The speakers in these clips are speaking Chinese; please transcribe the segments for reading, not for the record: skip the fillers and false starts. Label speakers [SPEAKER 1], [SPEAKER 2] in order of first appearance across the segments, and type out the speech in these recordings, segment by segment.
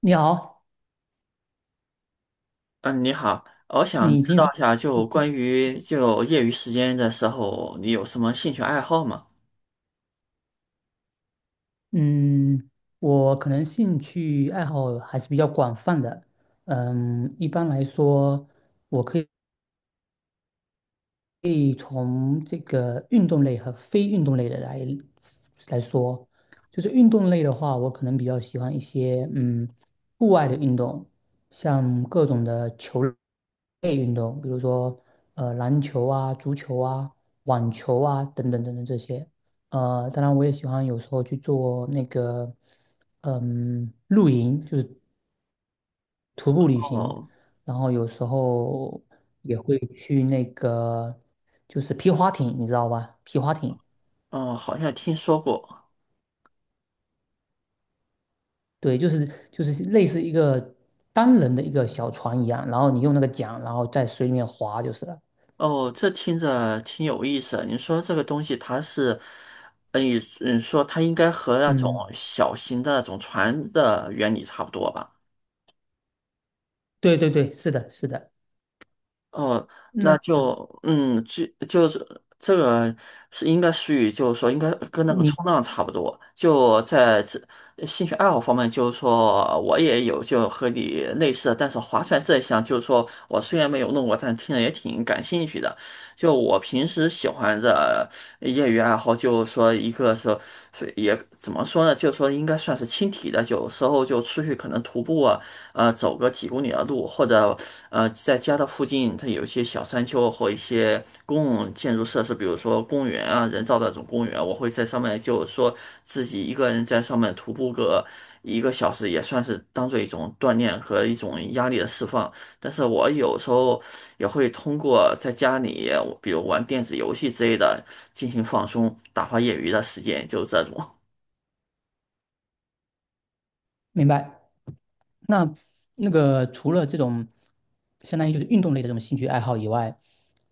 [SPEAKER 1] 你好，
[SPEAKER 2] 嗯，你好，我想
[SPEAKER 1] 你
[SPEAKER 2] 知
[SPEAKER 1] 平
[SPEAKER 2] 道
[SPEAKER 1] 时，
[SPEAKER 2] 一下，就关于就业余时间的时候，你有什么兴趣爱好吗？
[SPEAKER 1] 嗯，我可能兴趣爱好还是比较广泛的，嗯，一般来说，我可以。可以从这个运动类和非运动类的来说，就是运动类的话，我可能比较喜欢一些户外的运动，像各种的球类运动，比如说篮球啊、足球啊、网球啊等等等等这些。当然我也喜欢有时候去做那个露营，就是徒步旅行，
[SPEAKER 2] 哦，
[SPEAKER 1] 然后有时候也会去那个就是皮划艇，你知道吧？皮划艇，
[SPEAKER 2] 哦，好像听说过。
[SPEAKER 1] 对，就是类似一个单人的一个小船一样，然后你用那个桨，然后在水里面划就是了。
[SPEAKER 2] 哦，这听着挺有意思的你说这个东西，它是，呃你你说它应该和那种
[SPEAKER 1] 嗯，
[SPEAKER 2] 小型的那种船的原理差不多吧？
[SPEAKER 1] 对对对，是的，是的。
[SPEAKER 2] 哦，那
[SPEAKER 1] 那
[SPEAKER 2] 就就是这个是应该属于，就是说应该跟那个
[SPEAKER 1] 你
[SPEAKER 2] 冲浪差不多。就在这兴趣爱好方面，就是说我也有就和你类似的但是划船这一项，就是说我虽然没有弄过，但听着也挺感兴趣的。就我平时喜欢的业余爱好，就是说一个是也怎么说呢，就是说应该算是轻体的，有时候就出去可能徒步啊。走个几公里的路，或者在家的附近，它有一些小山丘或一些公共建筑设施，比如说公园啊，人造的这种公园，我会在上面，就是说自己一个人在上面徒步个1个小时，也算是当做一种锻炼和一种压力的释放。但是我有时候也会通过在家里，比如玩电子游戏之类的，进行放松，打发业余的时间，就是这种，
[SPEAKER 1] 明白？那那个除了这种相当于就是运动类的这种兴趣爱好以外，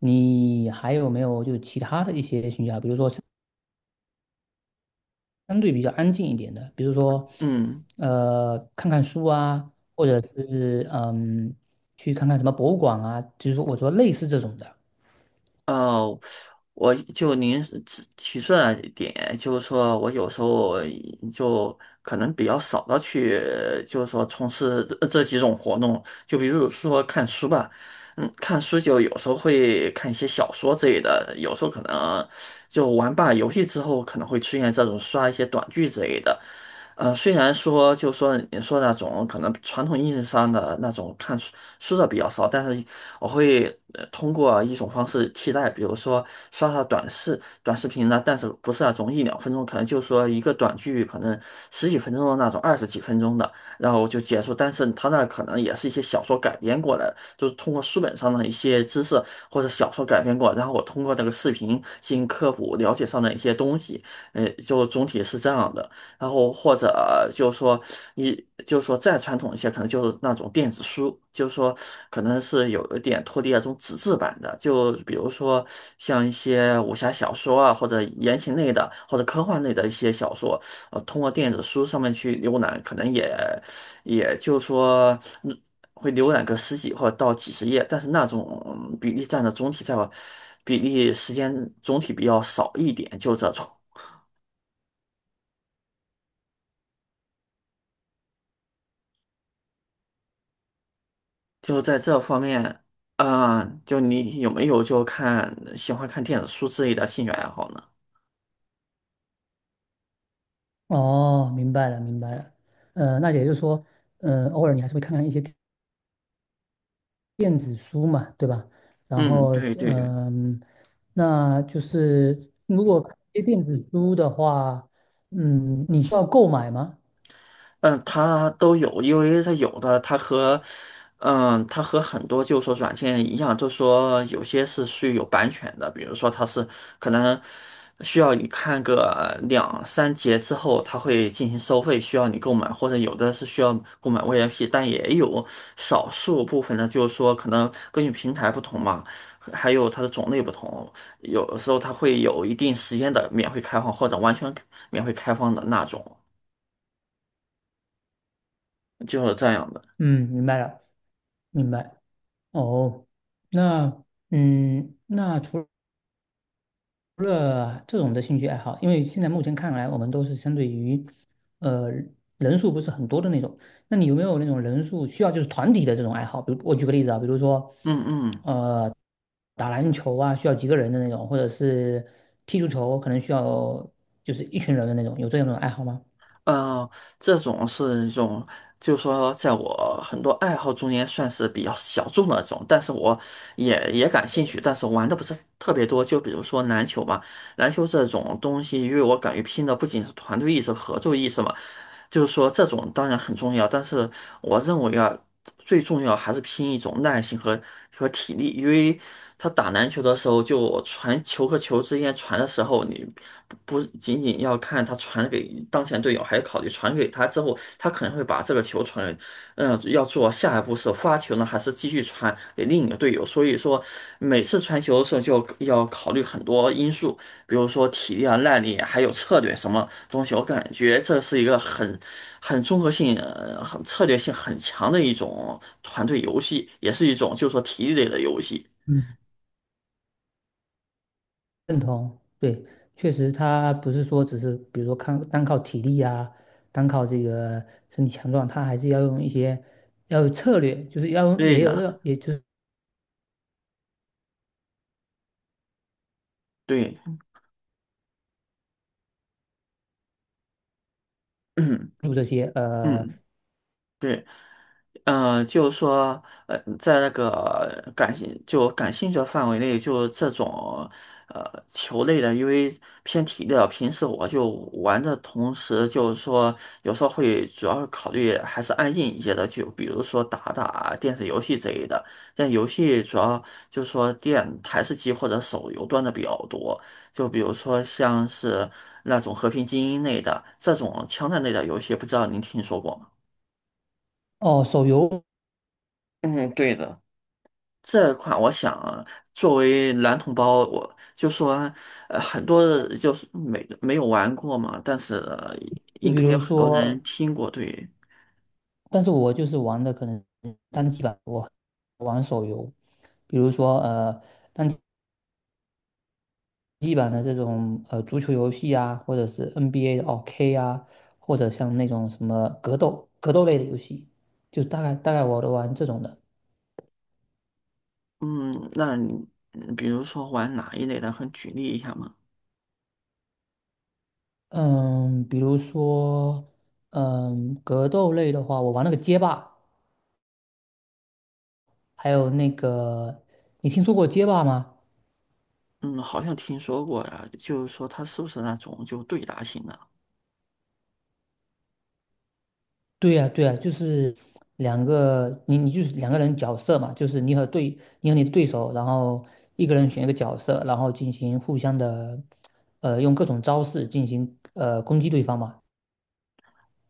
[SPEAKER 1] 你还有没有就其他的一些兴趣爱好？比如说相对比较安静一点的，比如说，
[SPEAKER 2] 嗯。
[SPEAKER 1] 看看书啊，或者是去看看什么博物馆啊，就是说我说类似这种的。
[SPEAKER 2] 哦，我就您提出来一点，就是说我有时候就可能比较少的去，就是说从事这几种活动，就比如说看书吧，看书就有时候会看一些小说之类的，有时候可能就玩罢游戏之后可能会出现这种刷一些短剧之类的，虽然说就说你说那种可能传统意义上的那种看书的比较少，但是我会通过一种方式替代，比如说刷刷短视频呢，但是不是那种一两分钟，可能就说一个短剧，可能十几分钟的那种，二十几分钟的，然后就结束。但是它那可能也是一些小说改编过来的就是通过书本上的一些知识或者小说改编过来，然后我通过这个视频进行科普，了解上的一些东西，就总体是这样的。然后或者就是说你就是说再传统一些，可能就是那种电子书，就是说可能是有一点脱离那种纸质版的，就比如说像一些武侠小说啊，或者言情类的，或者科幻类的一些小说，通过电子书上面去浏览，可能也就是说。嗯会浏览个十几或者到几十页，但是那种比例占的总体在比例时间总体比较少一点，就这种。就在这方面，啊、就你有没有就看喜欢看电子书之类的兴趣爱好呢？
[SPEAKER 1] 哦，明白了，明白了。那也就是说，偶尔你还是会看看一些电子书嘛，对吧？然
[SPEAKER 2] 嗯，
[SPEAKER 1] 后，
[SPEAKER 2] 对对对。
[SPEAKER 1] 嗯、那就是如果看一些电子书的话，嗯，你需要购买吗？
[SPEAKER 2] 嗯，它都有，因为它有的，它和，嗯，它和很多就是说软件一样，就是说有些是有版权的，比如说它是可能需要你看个两三节之后，它会进行收费，需要你购买，或者有的是需要购买 VIP，但也有少数部分呢，就是说可能根据平台不同嘛，还有它的种类不同，有的时候它会有一定时间的免费开放或者完全免费开放的那种，就是这样的。
[SPEAKER 1] 嗯，明白了，明白。哦，那嗯，那除了这种的兴趣爱好，因为现在目前看来，我们都是相对于，呃，人数不是很多的那种。那你有没有那种人数需要就是团体的这种爱好？比如我举个例子啊，比如说，
[SPEAKER 2] 嗯嗯，
[SPEAKER 1] 呃，打篮球啊，需要几个人的那种，或者是踢足球，可能需要就是一群人的那种，有这样的爱好吗？
[SPEAKER 2] 呃，这种是一种，就是说，在我很多爱好中间算是比较小众的那种，但是我也感兴趣，但是玩的不是特别多。就比如说篮球吧，篮球这种东西，因为我感觉拼的不仅是团队意识、合作意识嘛，就是说这种当然很重要，但是我认为啊，最重要还是拼一种耐心和体力，因为他打篮球的时候，就传球和球之间传的时候，你不仅仅要看他传给当前队友，还要考虑传给他之后，他可能会把这个球传给要做下一步是发球呢，还是继续传给另一个队友？所以说，每次传球的时候就要考虑很多因素，比如说体力啊、耐力，还有策略什么东西。我感觉这是一个很综合性、很策略性很强的一种团队游戏，也是一种就是说体力类的游戏。
[SPEAKER 1] 嗯。认同，对，确实，他不是说只是比如说看单靠体力啊，单靠这个身体强壮，他还是要用一些要有策略，就是要用
[SPEAKER 2] 对
[SPEAKER 1] 也有
[SPEAKER 2] 的，
[SPEAKER 1] 要，也就是
[SPEAKER 2] 对，嗯
[SPEAKER 1] 做这些
[SPEAKER 2] 嗯，对。嗯，就是说，在那个就感兴趣的范围内，就这种球类的，因为偏体力的，平时我就玩的同时，就是说有时候会主要考虑还是安静一些的，就比如说打打电子游戏之类的。但游戏主要就是说电台式机或者手游端的比较多，就比如说像是那种《和平精英》类的这种枪战类的游戏，不知道您听说过吗？
[SPEAKER 1] 哦手游，
[SPEAKER 2] 嗯，对的。这款我想啊作为男同胞，我就说，很多人就是没有玩过嘛，但是
[SPEAKER 1] 就
[SPEAKER 2] 应
[SPEAKER 1] 比
[SPEAKER 2] 该有
[SPEAKER 1] 如
[SPEAKER 2] 很多
[SPEAKER 1] 说，
[SPEAKER 2] 人听过，对，
[SPEAKER 1] 但是我就是玩的可能单机版，我玩手游，比如说机版的这种足球游戏啊，或者是 NBA 的哦 k 啊，或者像那种什么格斗类的游戏，就大概我都玩这种的。
[SPEAKER 2] 嗯，那你比如说玩哪一类的，很举例一下嘛，
[SPEAKER 1] 嗯，比如说，嗯，格斗类的话，我玩那个街霸，还有那个，你听说过街霸吗？
[SPEAKER 2] 嗯，好像听说过呀，就是说它是不是那种就对答型的？
[SPEAKER 1] 对呀，对呀，就是两个，你就是两个人角色嘛，就是你和对，你和你的对手，然后一个人选一个角色，然后进行互相的，用各种招式进行攻击对方嘛。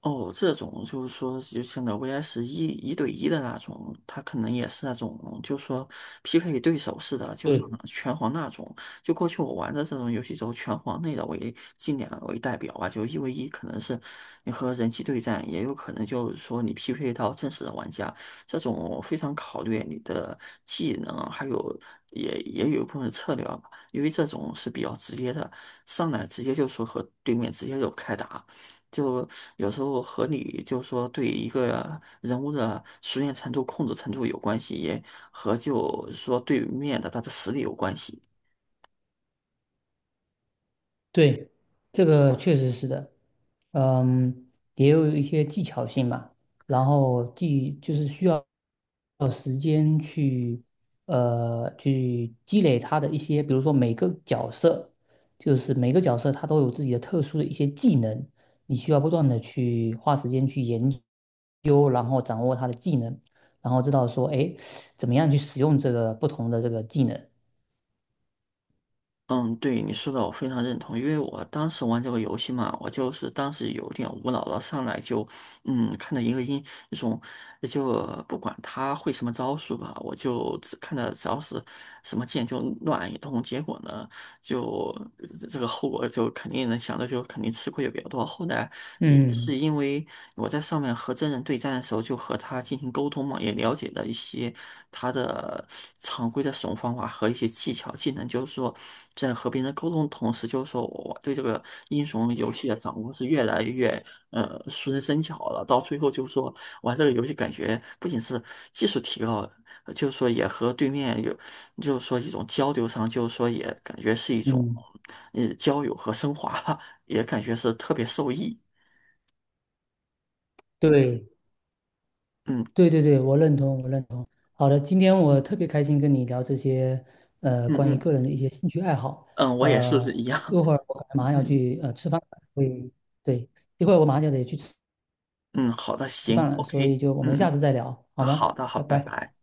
[SPEAKER 2] 哦，这种就是说，就像那 VS 一对一的那种，他可能也是那种，就是说匹配对手似的，就是说拳皇那种。就过去我玩的这种游戏中，拳皇类的为近两为代表吧，就1v1可能是你和人机对战，也有可能就是说你匹配到真实的玩家，这种非常考虑你的技能，还有也有一部分策略吧，因为这种是比较直接的，上来直接就说和对面直接就开打。就有时候和你就说对一个人物的熟练程度、控制程度有关系，也和就说对面的他的实力有关系。
[SPEAKER 1] 对，这个确实是的，嗯，也有一些技巧性嘛，然后技就是需要时间去去积累他的一些，比如说每个角色，就是每个角色他都有自己的特殊的一些技能，你需要不断的去花时间去研究，然后掌握他的技能，然后知道说，哎，怎么样去使用这个不同的这个技能，
[SPEAKER 2] 嗯，对你说的我非常认同，因为我当时玩这个游戏嘛，我就是当时有点无脑了，上来就看到一个那种，就不管他会什么招数吧，我就只看到只要是什么剑就乱一通，结果呢。就这个后果就肯定能想到，就肯定吃亏也比较多。后来也
[SPEAKER 1] 嗯
[SPEAKER 2] 是因为我在上面和真人对战的时候，就和他进行沟通嘛，也了解了一些他的常规的使用方法和一些技巧技能，就是说在和别人沟通的同时，就是说我对这个英雄游戏的掌握是越来越熟能生巧了。到最后就是说玩这个游戏，感觉不仅是技术提高了，就是说也和对面有就是说一种交流上，就是说也感觉是一种，
[SPEAKER 1] 嗯，
[SPEAKER 2] 交友和升华吧，也感觉是特别受益。
[SPEAKER 1] 对
[SPEAKER 2] 嗯
[SPEAKER 1] 对对对，我认同，我认同。好的，今天我
[SPEAKER 2] 嗯
[SPEAKER 1] 特别开心跟你聊这些，
[SPEAKER 2] 嗯
[SPEAKER 1] 关于个
[SPEAKER 2] 嗯
[SPEAKER 1] 人的一些兴趣爱好。
[SPEAKER 2] 嗯，我也
[SPEAKER 1] 呃，
[SPEAKER 2] 是一样。
[SPEAKER 1] 一会 儿我可能马上要
[SPEAKER 2] 嗯
[SPEAKER 1] 去吃饭了，所以对，一会儿我马上就得去吃
[SPEAKER 2] 嗯，好的，
[SPEAKER 1] 吃
[SPEAKER 2] 行
[SPEAKER 1] 饭了，所以
[SPEAKER 2] ，OK，
[SPEAKER 1] 就我
[SPEAKER 2] 嗯
[SPEAKER 1] 们下次
[SPEAKER 2] 嗯，
[SPEAKER 1] 再聊，好
[SPEAKER 2] 啊，
[SPEAKER 1] 吗？
[SPEAKER 2] 好的，好，
[SPEAKER 1] 拜
[SPEAKER 2] 拜
[SPEAKER 1] 拜。
[SPEAKER 2] 拜。